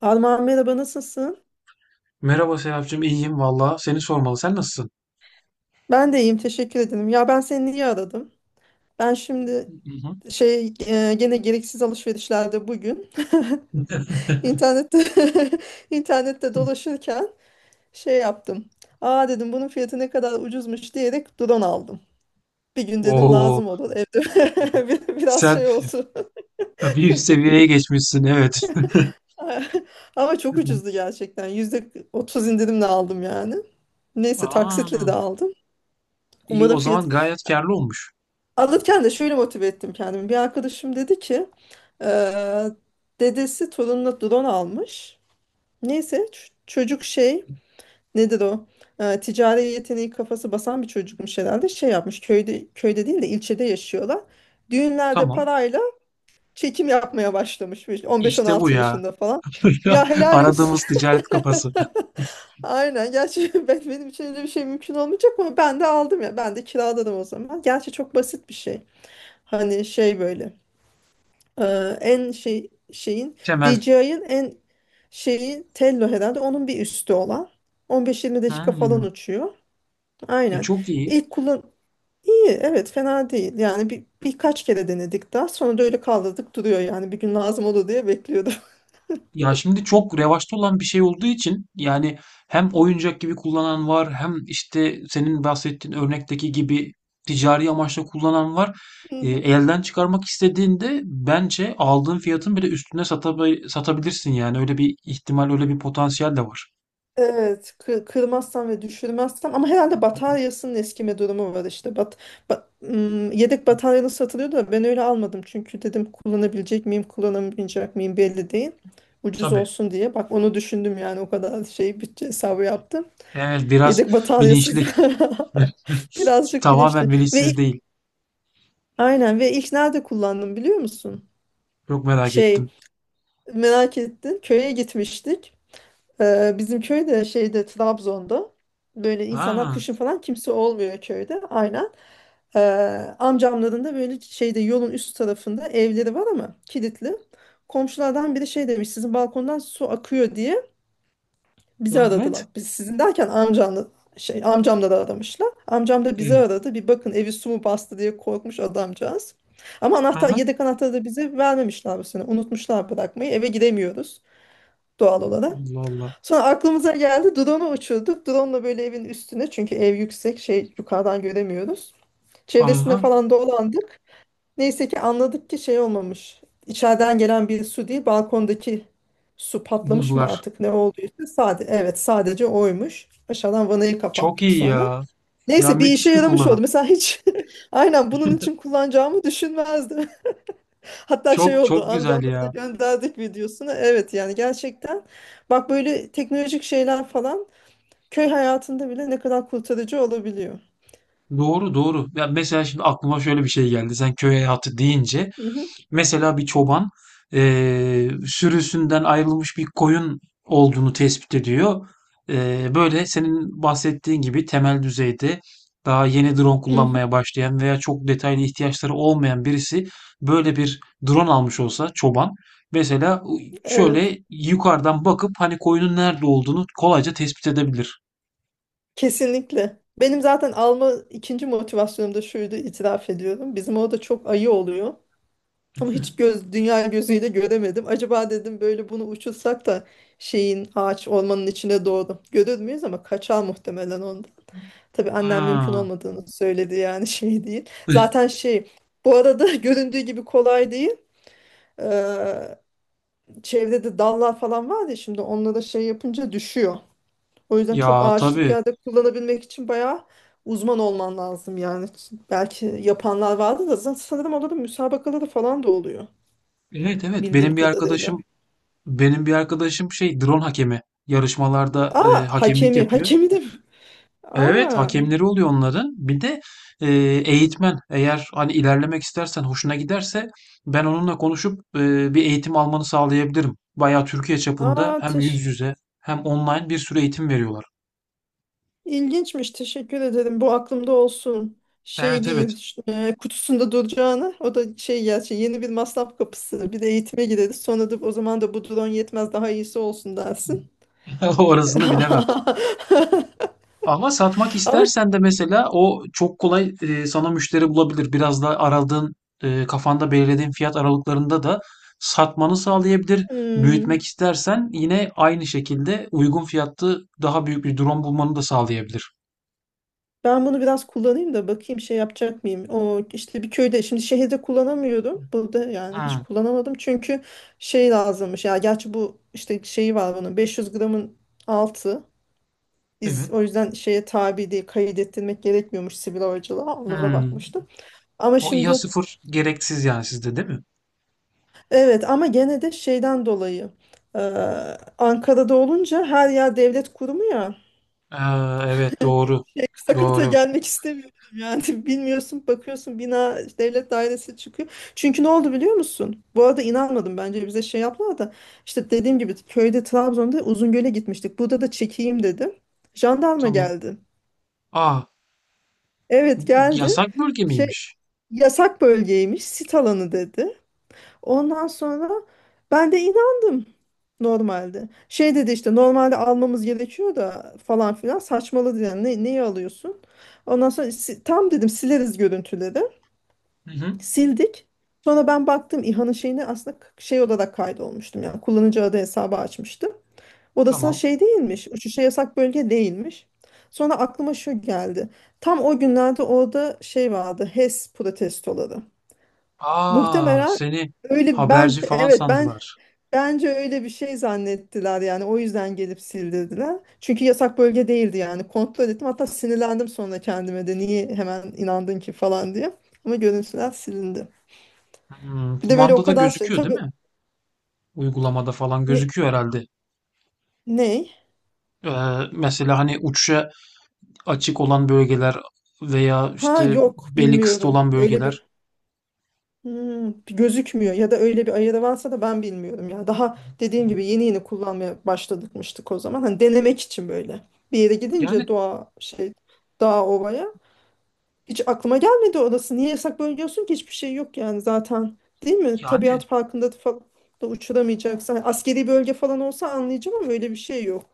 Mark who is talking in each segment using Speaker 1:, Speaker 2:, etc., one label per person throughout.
Speaker 1: Armağan, merhaba, nasılsın?
Speaker 2: Merhaba Serapcığım, iyiyim valla. Seni sormalı. Sen nasılsın?
Speaker 1: Ben de iyiyim, teşekkür ederim. Ya ben seni niye aradım? Ben şimdi
Speaker 2: Hı hı.
Speaker 1: şey, gene gereksiz alışverişlerde bugün, internette, internette dolaşırken şey yaptım. Aa, dedim bunun fiyatı ne kadar ucuzmuş diyerek drone aldım. Bir gün dedim
Speaker 2: Oo,
Speaker 1: lazım olur evde. Biraz
Speaker 2: sen
Speaker 1: şey oldu.
Speaker 2: bir üst seviyeye geçmişsin, evet.
Speaker 1: Ama çok
Speaker 2: Hı.
Speaker 1: ucuzdu gerçekten. %30 indirimle aldım yani. Neyse
Speaker 2: Aa,
Speaker 1: taksitle de aldım.
Speaker 2: iyi,
Speaker 1: Umarım
Speaker 2: o
Speaker 1: fiyat.
Speaker 2: zaman gayet karlı olmuş.
Speaker 1: Alırken de şöyle motive ettim kendimi. Bir arkadaşım dedi ki eee, dedesi torununa drone almış. Neyse çocuk, şey, nedir o? Ticari yeteneği kafası basan bir çocukmuş herhalde. Şey yapmış, köyde, köyde değil de ilçede yaşıyorlar. Düğünlerde
Speaker 2: Tamam.
Speaker 1: parayla çekim yapmaya başlamış. Böyle
Speaker 2: İşte bu
Speaker 1: 15-16
Speaker 2: ya.
Speaker 1: yaşında falan. Ya helal olsun.
Speaker 2: Aradığımız ticaret kafası.
Speaker 1: Aynen. Gerçi benim için öyle bir şey mümkün olmayacak ama ben de aldım ya. Ben de kiraladım o zaman. Gerçi çok basit bir şey. Hani şey böyle, e, en şey, şeyin
Speaker 2: Temel.
Speaker 1: DJI'ın en şeyi, Tello herhalde onun bir üstü olan, 15-20 dakika falan
Speaker 2: Hmm,
Speaker 1: uçuyor. Aynen.
Speaker 2: çok iyi.
Speaker 1: İlk kullan iyi evet, fena değil. Yani birkaç kere denedik, daha sonra da öyle kaldırdık, duruyor yani bir gün lazım olur diye bekliyordum.
Speaker 2: Ya şimdi çok revaçta olan bir şey olduğu için yani, hem oyuncak gibi kullanan var hem işte senin bahsettiğin örnekteki gibi ticari amaçla kullanan var. Elden çıkarmak istediğinde bence aldığın fiyatın bile üstüne satabilirsin yani, öyle bir ihtimal, öyle bir potansiyel de var.
Speaker 1: Evet, kırmazsam ve düşürmezsem, ama herhalde bataryasının eskime durumu var işte. Yedek bataryalı satılıyor da ben öyle almadım, çünkü dedim kullanabilecek miyim, kullanamayacak mıyım belli değil. Ucuz
Speaker 2: Tabii.
Speaker 1: olsun diye. Bak, onu düşündüm yani, o kadar şey bütçe hesabı yaptım.
Speaker 2: Evet, biraz
Speaker 1: Yedek bataryasız
Speaker 2: bilinçli.
Speaker 1: birazcık
Speaker 2: Tamamen
Speaker 1: bilinçli.
Speaker 2: bilinçsiz değil.
Speaker 1: Aynen, ve ilk nerede kullandım biliyor musun?
Speaker 2: Çok merak
Speaker 1: Şey,
Speaker 2: ettim.
Speaker 1: merak ettin, köye gitmiştik. Bizim köyde, şeyde, Trabzon'da böyle, insanlar
Speaker 2: Ha,
Speaker 1: kışın falan kimse olmuyor köyde, aynen. Ee, Amcamların da böyle şeyde yolun üst tarafında evleri var ama kilitli. Komşulardan biri şey demiş, sizin balkondan su akıyor diye bizi
Speaker 2: evet.
Speaker 1: aradılar. Biz sizin derken amcamla, şey, amcamları aramışlar. Amcam da bizi
Speaker 2: Evet.
Speaker 1: aradı. Bir bakın evi su mu bastı diye korkmuş adamcağız. Ama anahtar,
Speaker 2: Aha.
Speaker 1: yedek anahtarı da bize vermemişler bu sene. Unutmuşlar bırakmayı. Eve giremiyoruz doğal olarak.
Speaker 2: Allah Allah.
Speaker 1: Sonra aklımıza geldi, drone'u uçurduk. Drone'la böyle evin üstüne, çünkü ev yüksek, şey, yukarıdan göremiyoruz. Çevresinde
Speaker 2: Aha.
Speaker 1: falan dolandık. Neyse ki anladık ki şey olmamış. İçeriden gelen bir su değil, balkondaki su patlamış mı
Speaker 2: Buldular.
Speaker 1: artık ne olduysa, sadece evet sadece oymuş. Aşağıdan vanayı
Speaker 2: Çok
Speaker 1: kapattık
Speaker 2: iyi
Speaker 1: sonra.
Speaker 2: ya. Ya
Speaker 1: Neyse bir işe
Speaker 2: müthiş bir
Speaker 1: yaramış oldu.
Speaker 2: kullanım.
Speaker 1: Mesela hiç aynen bunun için kullanacağımı düşünmezdim. Hatta şey
Speaker 2: Çok
Speaker 1: oldu,
Speaker 2: çok güzel
Speaker 1: amcamla da
Speaker 2: ya.
Speaker 1: gönderdik videosunu. Evet yani gerçekten, bak, böyle teknolojik şeyler falan köy hayatında bile ne kadar kurtarıcı olabiliyor.
Speaker 2: Doğru doğru. Ya mesela şimdi aklıma şöyle bir şey geldi. Sen köy hayatı deyince
Speaker 1: Hı hı.
Speaker 2: mesela bir çoban sürüsünden ayrılmış bir koyun olduğunu tespit ediyor. Böyle senin bahsettiğin gibi temel düzeyde daha yeni drone
Speaker 1: Hı
Speaker 2: kullanmaya
Speaker 1: hı.
Speaker 2: başlayan veya çok detaylı ihtiyaçları olmayan birisi böyle bir drone almış olsa, çoban mesela
Speaker 1: Evet.
Speaker 2: şöyle yukarıdan bakıp hani koyunun nerede olduğunu kolayca tespit edebilir.
Speaker 1: Kesinlikle. Benim zaten alma ikinci motivasyonum da şuydu, itiraf ediyorum. Bizim orada çok ayı oluyor. Ama hiç göz, dünya gözüyle göremedim. Acaba dedim böyle bunu uçursak da şeyin, ağaç ormanın içine doğru görür müyüz, ama kaçar muhtemelen ondan. Tabii annem mümkün
Speaker 2: Ha.
Speaker 1: olmadığını söyledi yani, şey değil. Zaten şey, bu arada göründüğü gibi kolay değil. Ee, Çevrede de dallar falan var ya, şimdi onlara şey yapınca düşüyor. O yüzden çok
Speaker 2: Ya
Speaker 1: ağaçlık
Speaker 2: tabii.
Speaker 1: yerde kullanabilmek için bayağı uzman olman lazım yani. Belki yapanlar vardı da, zaten sanırım onların müsabakaları falan da oluyor
Speaker 2: Evet evet,
Speaker 1: bildiğim
Speaker 2: benim bir
Speaker 1: kadarıyla.
Speaker 2: arkadaşım benim bir arkadaşım şey drone hakemi, yarışmalarda
Speaker 1: Aa,
Speaker 2: hakemlik
Speaker 1: hakemi,
Speaker 2: yapıyor.
Speaker 1: hakemi de mi?
Speaker 2: Evet,
Speaker 1: Aa,
Speaker 2: hakemleri oluyor onların. Bir de e, eğitmen, eğer hani ilerlemek istersen hoşuna giderse ben onunla konuşup bir eğitim almanı sağlayabilirim. Bayağı Türkiye çapında
Speaker 1: aa
Speaker 2: hem
Speaker 1: teş
Speaker 2: yüz yüze hem online bir sürü eğitim veriyorlar.
Speaker 1: ilginçmiş, teşekkür ederim, bu aklımda olsun. Şey
Speaker 2: Evet evet.
Speaker 1: değil, kutusunda duracağını, o da şey, gerçi yeni bir masraf kapısı, bir de eğitime gideriz sonra da o zaman da bu drone yetmez daha iyisi olsun dersin.
Speaker 2: Orasını bilemem. Ama satmak
Speaker 1: Ama işte,
Speaker 2: istersen de mesela o çok kolay, sana müşteri bulabilir. Biraz da kafanda belirlediğin fiyat aralıklarında da satmanı sağlayabilir. Büyütmek
Speaker 1: hmm,
Speaker 2: istersen yine aynı şekilde uygun fiyatlı daha büyük bir drone bulmanı da sağlayabilir.
Speaker 1: ben bunu biraz kullanayım da bakayım şey yapacak mıyım? O işte bir köyde, şimdi şehirde kullanamıyorum. Burada yani hiç
Speaker 2: Hmm,
Speaker 1: kullanamadım. Çünkü şey lazımmış. Ya gerçi bu işte şeyi var bunun, 500 gramın altı. Biz
Speaker 2: evet.
Speaker 1: o yüzden şeye tabi değil, kaydettirmek gerekmiyormuş sivil havacılığa. Onlara
Speaker 2: Hmm.
Speaker 1: bakmıştım. Ama
Speaker 2: O İHA
Speaker 1: şimdi,
Speaker 2: sıfır gereksiz yani, sizde değil mi?
Speaker 1: evet ama gene de şeyden dolayı, eee, Ankara'da olunca her yer devlet kurumu ya.
Speaker 2: Aa, evet doğru.
Speaker 1: Şey, sakata
Speaker 2: Doğru.
Speaker 1: gelmek istemiyordum yani, bilmiyorsun, bakıyorsun bina devlet dairesi çıkıyor. Çünkü ne oldu biliyor musun? Bu arada inanmadım, bence bize şey yaptılar da, işte dediğim gibi köyde, Trabzon'da, Uzungöl'e gitmiştik. Burada da çekeyim dedim. Jandarma
Speaker 2: Tamam.
Speaker 1: geldi.
Speaker 2: Aa,
Speaker 1: Evet, geldi.
Speaker 2: yasak bölge
Speaker 1: Şey,
Speaker 2: miymiş?
Speaker 1: yasak bölgeymiş, sit alanı dedi. Ondan sonra ben de inandım normalde. Şey dedi işte, normalde almamız gerekiyor da falan filan saçmaladı yani, neyi alıyorsun? Ondan sonra tam dedim sileriz görüntüleri.
Speaker 2: Hı hı.
Speaker 1: Sildik. Sonra ben baktım İHA'nın şeyini, aslında şey olarak kaydolmuştum yani, kullanıcı adı hesabı açmıştım. Odası
Speaker 2: Tamam.
Speaker 1: şey değilmiş, uçuşa yasak bölge değilmiş. Sonra aklıma şu geldi. Tam o günlerde orada şey vardı, HES protestoları.
Speaker 2: Aa,
Speaker 1: Muhtemelen.
Speaker 2: seni
Speaker 1: Öyle, ben,
Speaker 2: haberci falan
Speaker 1: evet ben,
Speaker 2: sandılar.
Speaker 1: bence öyle bir şey zannettiler yani, o yüzden gelip sildirdiler. Çünkü yasak bölge değildi yani, kontrol ettim, hatta sinirlendim sonra kendime de niye hemen inandın ki falan diye. Ama görüntüler silindi.
Speaker 2: Hmm,
Speaker 1: Bir de böyle o
Speaker 2: kumandada
Speaker 1: kadar şey
Speaker 2: gözüküyor değil
Speaker 1: tabii,
Speaker 2: mi? Uygulamada falan
Speaker 1: ne,
Speaker 2: gözüküyor herhalde.
Speaker 1: ne?
Speaker 2: Ee, Mesela hani uçuşa açık olan bölgeler, veya
Speaker 1: Ha,
Speaker 2: işte
Speaker 1: yok,
Speaker 2: belli kısıtlı
Speaker 1: bilmiyorum
Speaker 2: olan
Speaker 1: öyle
Speaker 2: bölgeler.
Speaker 1: bir, gözükmüyor ya da öyle bir ayarı varsa da ben bilmiyorum ya. Daha dediğim gibi yeni yeni kullanmaya başladıkmıştık o zaman, hani denemek için böyle bir yere gidince
Speaker 2: Yani
Speaker 1: doğa şey, dağ ovaya. Hiç aklıma gelmedi orası. Niye yasak bölge olsun ki? Hiçbir şey yok yani zaten. Değil mi?
Speaker 2: yani
Speaker 1: Tabiat parkında da falan da uçuramayacaksın. Hani askeri bölge falan olsa anlayacağım, ama öyle bir şey yok.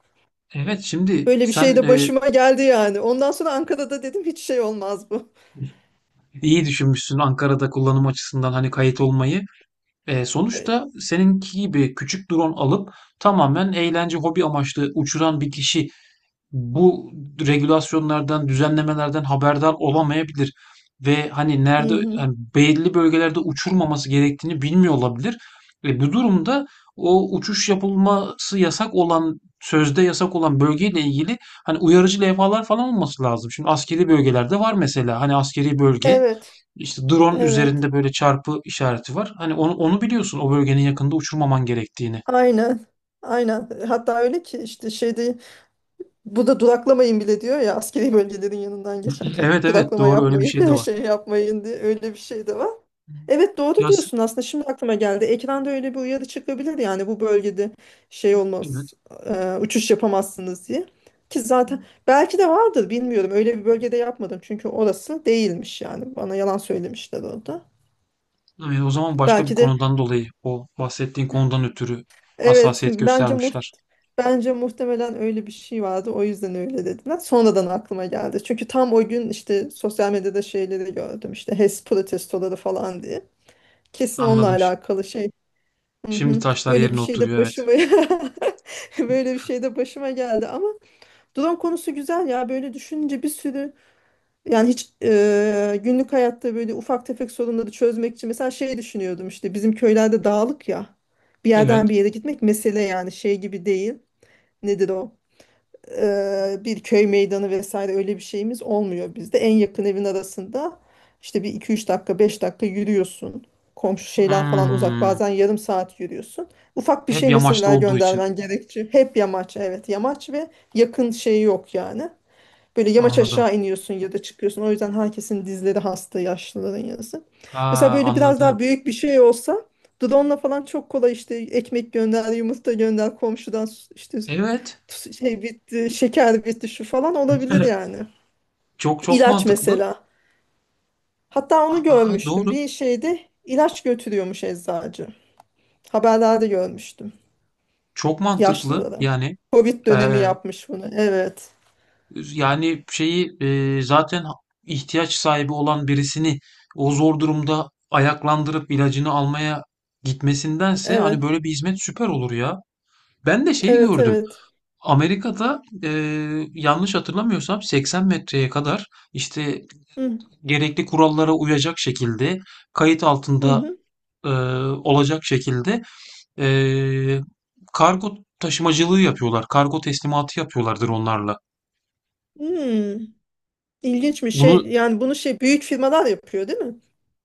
Speaker 2: evet, şimdi
Speaker 1: Böyle bir şey
Speaker 2: sen,
Speaker 1: de başıma geldi yani. Ondan sonra Ankara'da dedim hiç şey olmaz bu.
Speaker 2: iyi düşünmüşsün Ankara'da kullanım açısından hani kayıt olmayı. Sonuçta seninki gibi küçük drone alıp tamamen eğlence, hobi amaçlı uçuran bir kişi bu regülasyonlardan, düzenlemelerden haberdar olamayabilir ve hani
Speaker 1: Hı
Speaker 2: nerede
Speaker 1: hı.
Speaker 2: yani belli bölgelerde uçurmaması gerektiğini bilmiyor olabilir. Bu durumda o uçuş yapılması yasak olan, sözde yasak olan bölgeyle ilgili hani uyarıcı levhalar falan olması lazım. Şimdi askeri bölgelerde var mesela, hani askeri bölge
Speaker 1: Evet.
Speaker 2: işte drone
Speaker 1: Evet.
Speaker 2: üzerinde böyle çarpı işareti var. Hani onu biliyorsun, o bölgenin yakında uçurmaman gerektiğini.
Speaker 1: Aynen. Aynen. Hatta öyle ki işte şeyde, bu da duraklamayın bile diyor ya askeri bölgelerin yanından geçerken.
Speaker 2: Evet evet,
Speaker 1: Duraklama
Speaker 2: doğru, öyle bir şey de
Speaker 1: yapmayın,
Speaker 2: var.
Speaker 1: şey yapmayın diye öyle bir şey de var. Evet, doğru
Speaker 2: Yaz,
Speaker 1: diyorsun, aslında şimdi aklıma geldi. Ekranda öyle bir uyarı çıkabilir yani bu bölgede şey
Speaker 2: evet.
Speaker 1: olmaz, uçuş yapamazsınız diye. Ki zaten belki de vardır bilmiyorum, öyle bir bölgede yapmadım çünkü orası değilmiş yani, bana yalan söylemişler orada.
Speaker 2: Evet, o zaman başka bir
Speaker 1: Belki de.
Speaker 2: konudan dolayı, o bahsettiğin konudan ötürü
Speaker 1: Evet,
Speaker 2: hassasiyet göstermişler.
Speaker 1: bence muhtemelen öyle bir şey vardı. O yüzden öyle dediler. Sonradan aklıma geldi. Çünkü tam o gün işte sosyal medyada şeyleri gördüm. İşte HES protestoları falan diye. Kesin onunla
Speaker 2: Anladım.
Speaker 1: alakalı şey. Hı
Speaker 2: Şimdi
Speaker 1: hı.
Speaker 2: taşlar
Speaker 1: Böyle bir
Speaker 2: yerine
Speaker 1: şey de
Speaker 2: oturuyor, evet.
Speaker 1: başıma böyle bir şey de başıma geldi ama drone konusu güzel ya. Böyle düşününce bir sürü yani, hiç günlük hayatta böyle ufak tefek sorunları çözmek için mesela şey düşünüyordum, işte bizim köylerde dağlık ya. Bir yerden
Speaker 2: Evet.
Speaker 1: bir yere gitmek mesele yani, şey gibi değil, nedir o, bir köy meydanı vesaire öyle bir şeyimiz olmuyor bizde. En yakın evin arasında işte bir iki üç dakika, 5 dakika yürüyorsun. Komşu şeyler falan uzak,
Speaker 2: Hmm,
Speaker 1: bazen yarım saat yürüyorsun. Ufak bir
Speaker 2: hep
Speaker 1: şey
Speaker 2: yamaçta
Speaker 1: mesela
Speaker 2: olduğu için
Speaker 1: göndermen gerekçe. Hep yamaç, evet yamaç ve yakın şey yok yani. Böyle yamaç
Speaker 2: anladım.
Speaker 1: aşağı iniyorsun ya da çıkıyorsun. O yüzden herkesin dizleri hasta, yaşlıların yazı. Mesela
Speaker 2: Aa,
Speaker 1: böyle biraz
Speaker 2: anladım.
Speaker 1: daha büyük bir şey olsa drone'la falan çok kolay, işte ekmek gönder, yumurta gönder, komşudan işte
Speaker 2: Evet.
Speaker 1: şey bitti, şeker bitti, şu falan olabilir yani.
Speaker 2: Çok çok
Speaker 1: İlaç
Speaker 2: mantıklı.
Speaker 1: mesela. Hatta onu
Speaker 2: Aa,
Speaker 1: görmüştüm.
Speaker 2: doğru.
Speaker 1: Bir şeyde ilaç götürüyormuş eczacı. Haberlerde görmüştüm,
Speaker 2: Çok mantıklı.
Speaker 1: yaşlılara. Covid dönemi
Speaker 2: Eee,
Speaker 1: yapmış bunu. Evet.
Speaker 2: Yani şeyi, zaten ihtiyaç sahibi olan birisini o zor durumda ayaklandırıp ilacını almaya gitmesindense hani
Speaker 1: Evet.
Speaker 2: böyle bir hizmet süper olur ya. Ben de şeyi
Speaker 1: Evet,
Speaker 2: gördüm.
Speaker 1: evet.
Speaker 2: Amerika'da, yanlış hatırlamıyorsam 80 metreye kadar işte
Speaker 1: Hı
Speaker 2: gerekli kurallara uyacak şekilde kayıt
Speaker 1: hı.
Speaker 2: altında,
Speaker 1: Hı.
Speaker 2: e, olacak şekilde, e, kargo taşımacılığı yapıyorlar. Kargo teslimatı yapıyorlardır onlarla.
Speaker 1: Hmm. İlginç bir
Speaker 2: Bunu
Speaker 1: şey. Yani bunu şey büyük firmalar yapıyor değil mi?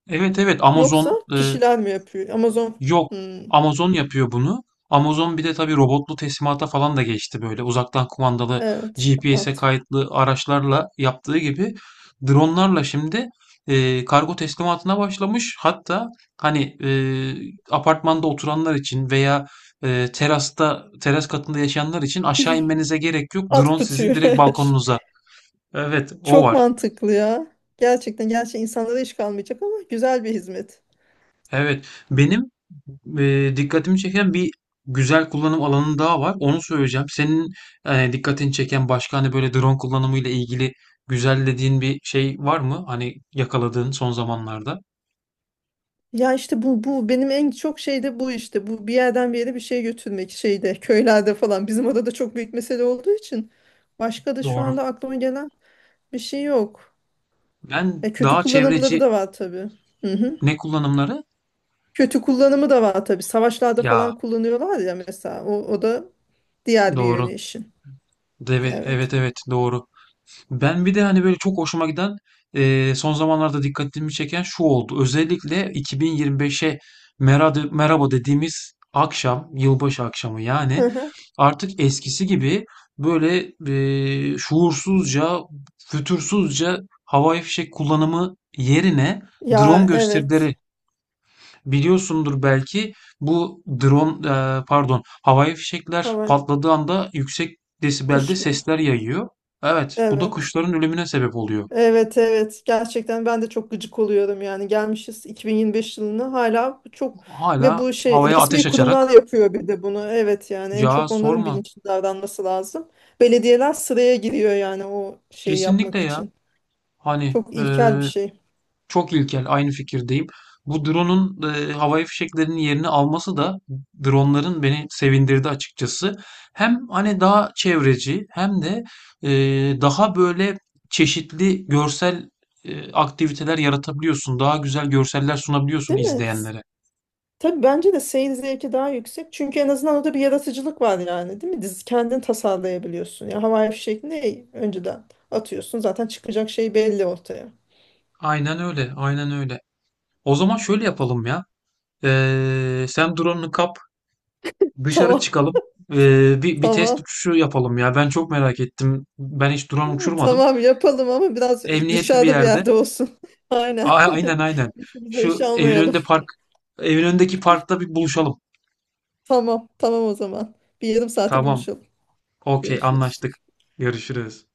Speaker 2: Evet evet,
Speaker 1: Yoksa
Speaker 2: Amazon,
Speaker 1: kişiler mi yapıyor? Amazon.
Speaker 2: yok.
Speaker 1: Hmm,
Speaker 2: Amazon yapıyor bunu. Amazon bir de tabii robotlu teslimata falan da geçti böyle. Uzaktan kumandalı
Speaker 1: evet.
Speaker 2: GPS'e
Speaker 1: At.
Speaker 2: kayıtlı araçlarla yaptığı gibi dronlarla şimdi kargo teslimatına başlamış. Hatta hani, apartmanda oturanlar için veya, teras katında yaşayanlar için aşağı inmenize gerek yok.
Speaker 1: At
Speaker 2: Drone sizin
Speaker 1: kutuyu.
Speaker 2: direkt balkonunuza. Evet, o
Speaker 1: Çok
Speaker 2: var.
Speaker 1: mantıklı ya. Gerçekten, gerçekten insanlara iş kalmayacak ama güzel bir hizmet.
Speaker 2: Evet, benim dikkatimi çeken bir güzel kullanım alanı daha var. Onu söyleyeceğim. Senin dikkatini çeken başka hani böyle drone kullanımı ile ilgili güzel dediğin bir şey var mı? Hani yakaladığın son zamanlarda.
Speaker 1: Ya işte bu benim en çok şey de bu işte. Bu, bir yerden bir yere bir şey götürmek, şeyde köylerde falan. Bizim orada da çok büyük mesele olduğu için, başka da şu
Speaker 2: Doğru.
Speaker 1: anda aklıma gelen bir şey yok.
Speaker 2: Ben
Speaker 1: Kötü
Speaker 2: daha
Speaker 1: kullanımları
Speaker 2: çevreci
Speaker 1: da var tabii. Hı hı.
Speaker 2: ne kullanımları?
Speaker 1: Kötü kullanımı da var tabii. Savaşlarda
Speaker 2: Ya
Speaker 1: falan kullanıyorlar ya mesela. O da diğer bir
Speaker 2: doğru.
Speaker 1: yönü işin. Evet.
Speaker 2: Evet evet doğru. Ben bir de hani böyle çok hoşuma giden, son zamanlarda dikkatimi çeken şu oldu. Özellikle 2025'e merhaba, merhaba dediğimiz akşam, yılbaşı akşamı
Speaker 1: Hı
Speaker 2: yani
Speaker 1: hı.
Speaker 2: artık eskisi gibi böyle şuursuzca, fütursuzca havai fişek kullanımı yerine drone
Speaker 1: Ya evet.
Speaker 2: gösterileri. Biliyorsundur belki, bu drone, pardon, havai fişekler
Speaker 1: Hava,
Speaker 2: patladığı anda yüksek desibelde
Speaker 1: kuşlar.
Speaker 2: sesler yayıyor. Evet, bu da
Speaker 1: Evet.
Speaker 2: kuşların ölümüne sebep oluyor.
Speaker 1: Evet, evet. Gerçekten ben de çok gıcık oluyorum yani. Gelmişiz 2025 yılına hala çok, ve
Speaker 2: Hala
Speaker 1: bu şey
Speaker 2: havaya ateş
Speaker 1: resmi
Speaker 2: açarak,
Speaker 1: kurumlar yapıyor bir de bunu. Evet yani en
Speaker 2: ya
Speaker 1: çok onların
Speaker 2: sorma.
Speaker 1: bilinçli davranması lazım. Belediyeler sıraya giriyor yani o şeyi
Speaker 2: Kesinlikle
Speaker 1: yapmak
Speaker 2: ya.
Speaker 1: için.
Speaker 2: Hani,
Speaker 1: Çok ilkel bir şey.
Speaker 2: çok ilkel, aynı fikirdeyim. Bu drone'un, havai fişeklerinin yerini alması da, drone'ların beni sevindirdi açıkçası. Hem hani daha çevreci hem de, e, daha böyle çeşitli görsel, aktiviteler yaratabiliyorsun. Daha güzel görseller sunabiliyorsun
Speaker 1: Değil mi?
Speaker 2: izleyenlere.
Speaker 1: Tabii bence de seyir zevki daha yüksek. Çünkü en azından orada bir yaratıcılık var yani, değil mi? Dizi kendin tasarlayabiliyorsun. Ya havai fişek ne, önceden atıyorsun. Zaten çıkacak şey belli ortaya.
Speaker 2: Aynen öyle, aynen öyle. O zaman şöyle yapalım ya. Sen drone'unu kap, dışarı
Speaker 1: Tamam.
Speaker 2: çıkalım. E, bir test
Speaker 1: Tamam.
Speaker 2: uçuşu yapalım ya. Ben çok merak ettim. Ben hiç drone uçurmadım.
Speaker 1: Tamam, yapalım ama biraz
Speaker 2: Emniyetli bir
Speaker 1: dışarıda bir
Speaker 2: yerde.
Speaker 1: yerde olsun. Aynen.
Speaker 2: Aynen aynen.
Speaker 1: Başımıza
Speaker 2: Şu
Speaker 1: iş
Speaker 2: evin
Speaker 1: almayalım.
Speaker 2: önünde park, evin önündeki parkta bir buluşalım.
Speaker 1: Tamam. Tamam o zaman. Bir yarım saate
Speaker 2: Tamam.
Speaker 1: buluşalım.
Speaker 2: Okey,
Speaker 1: Görüşürüz.
Speaker 2: anlaştık. Görüşürüz.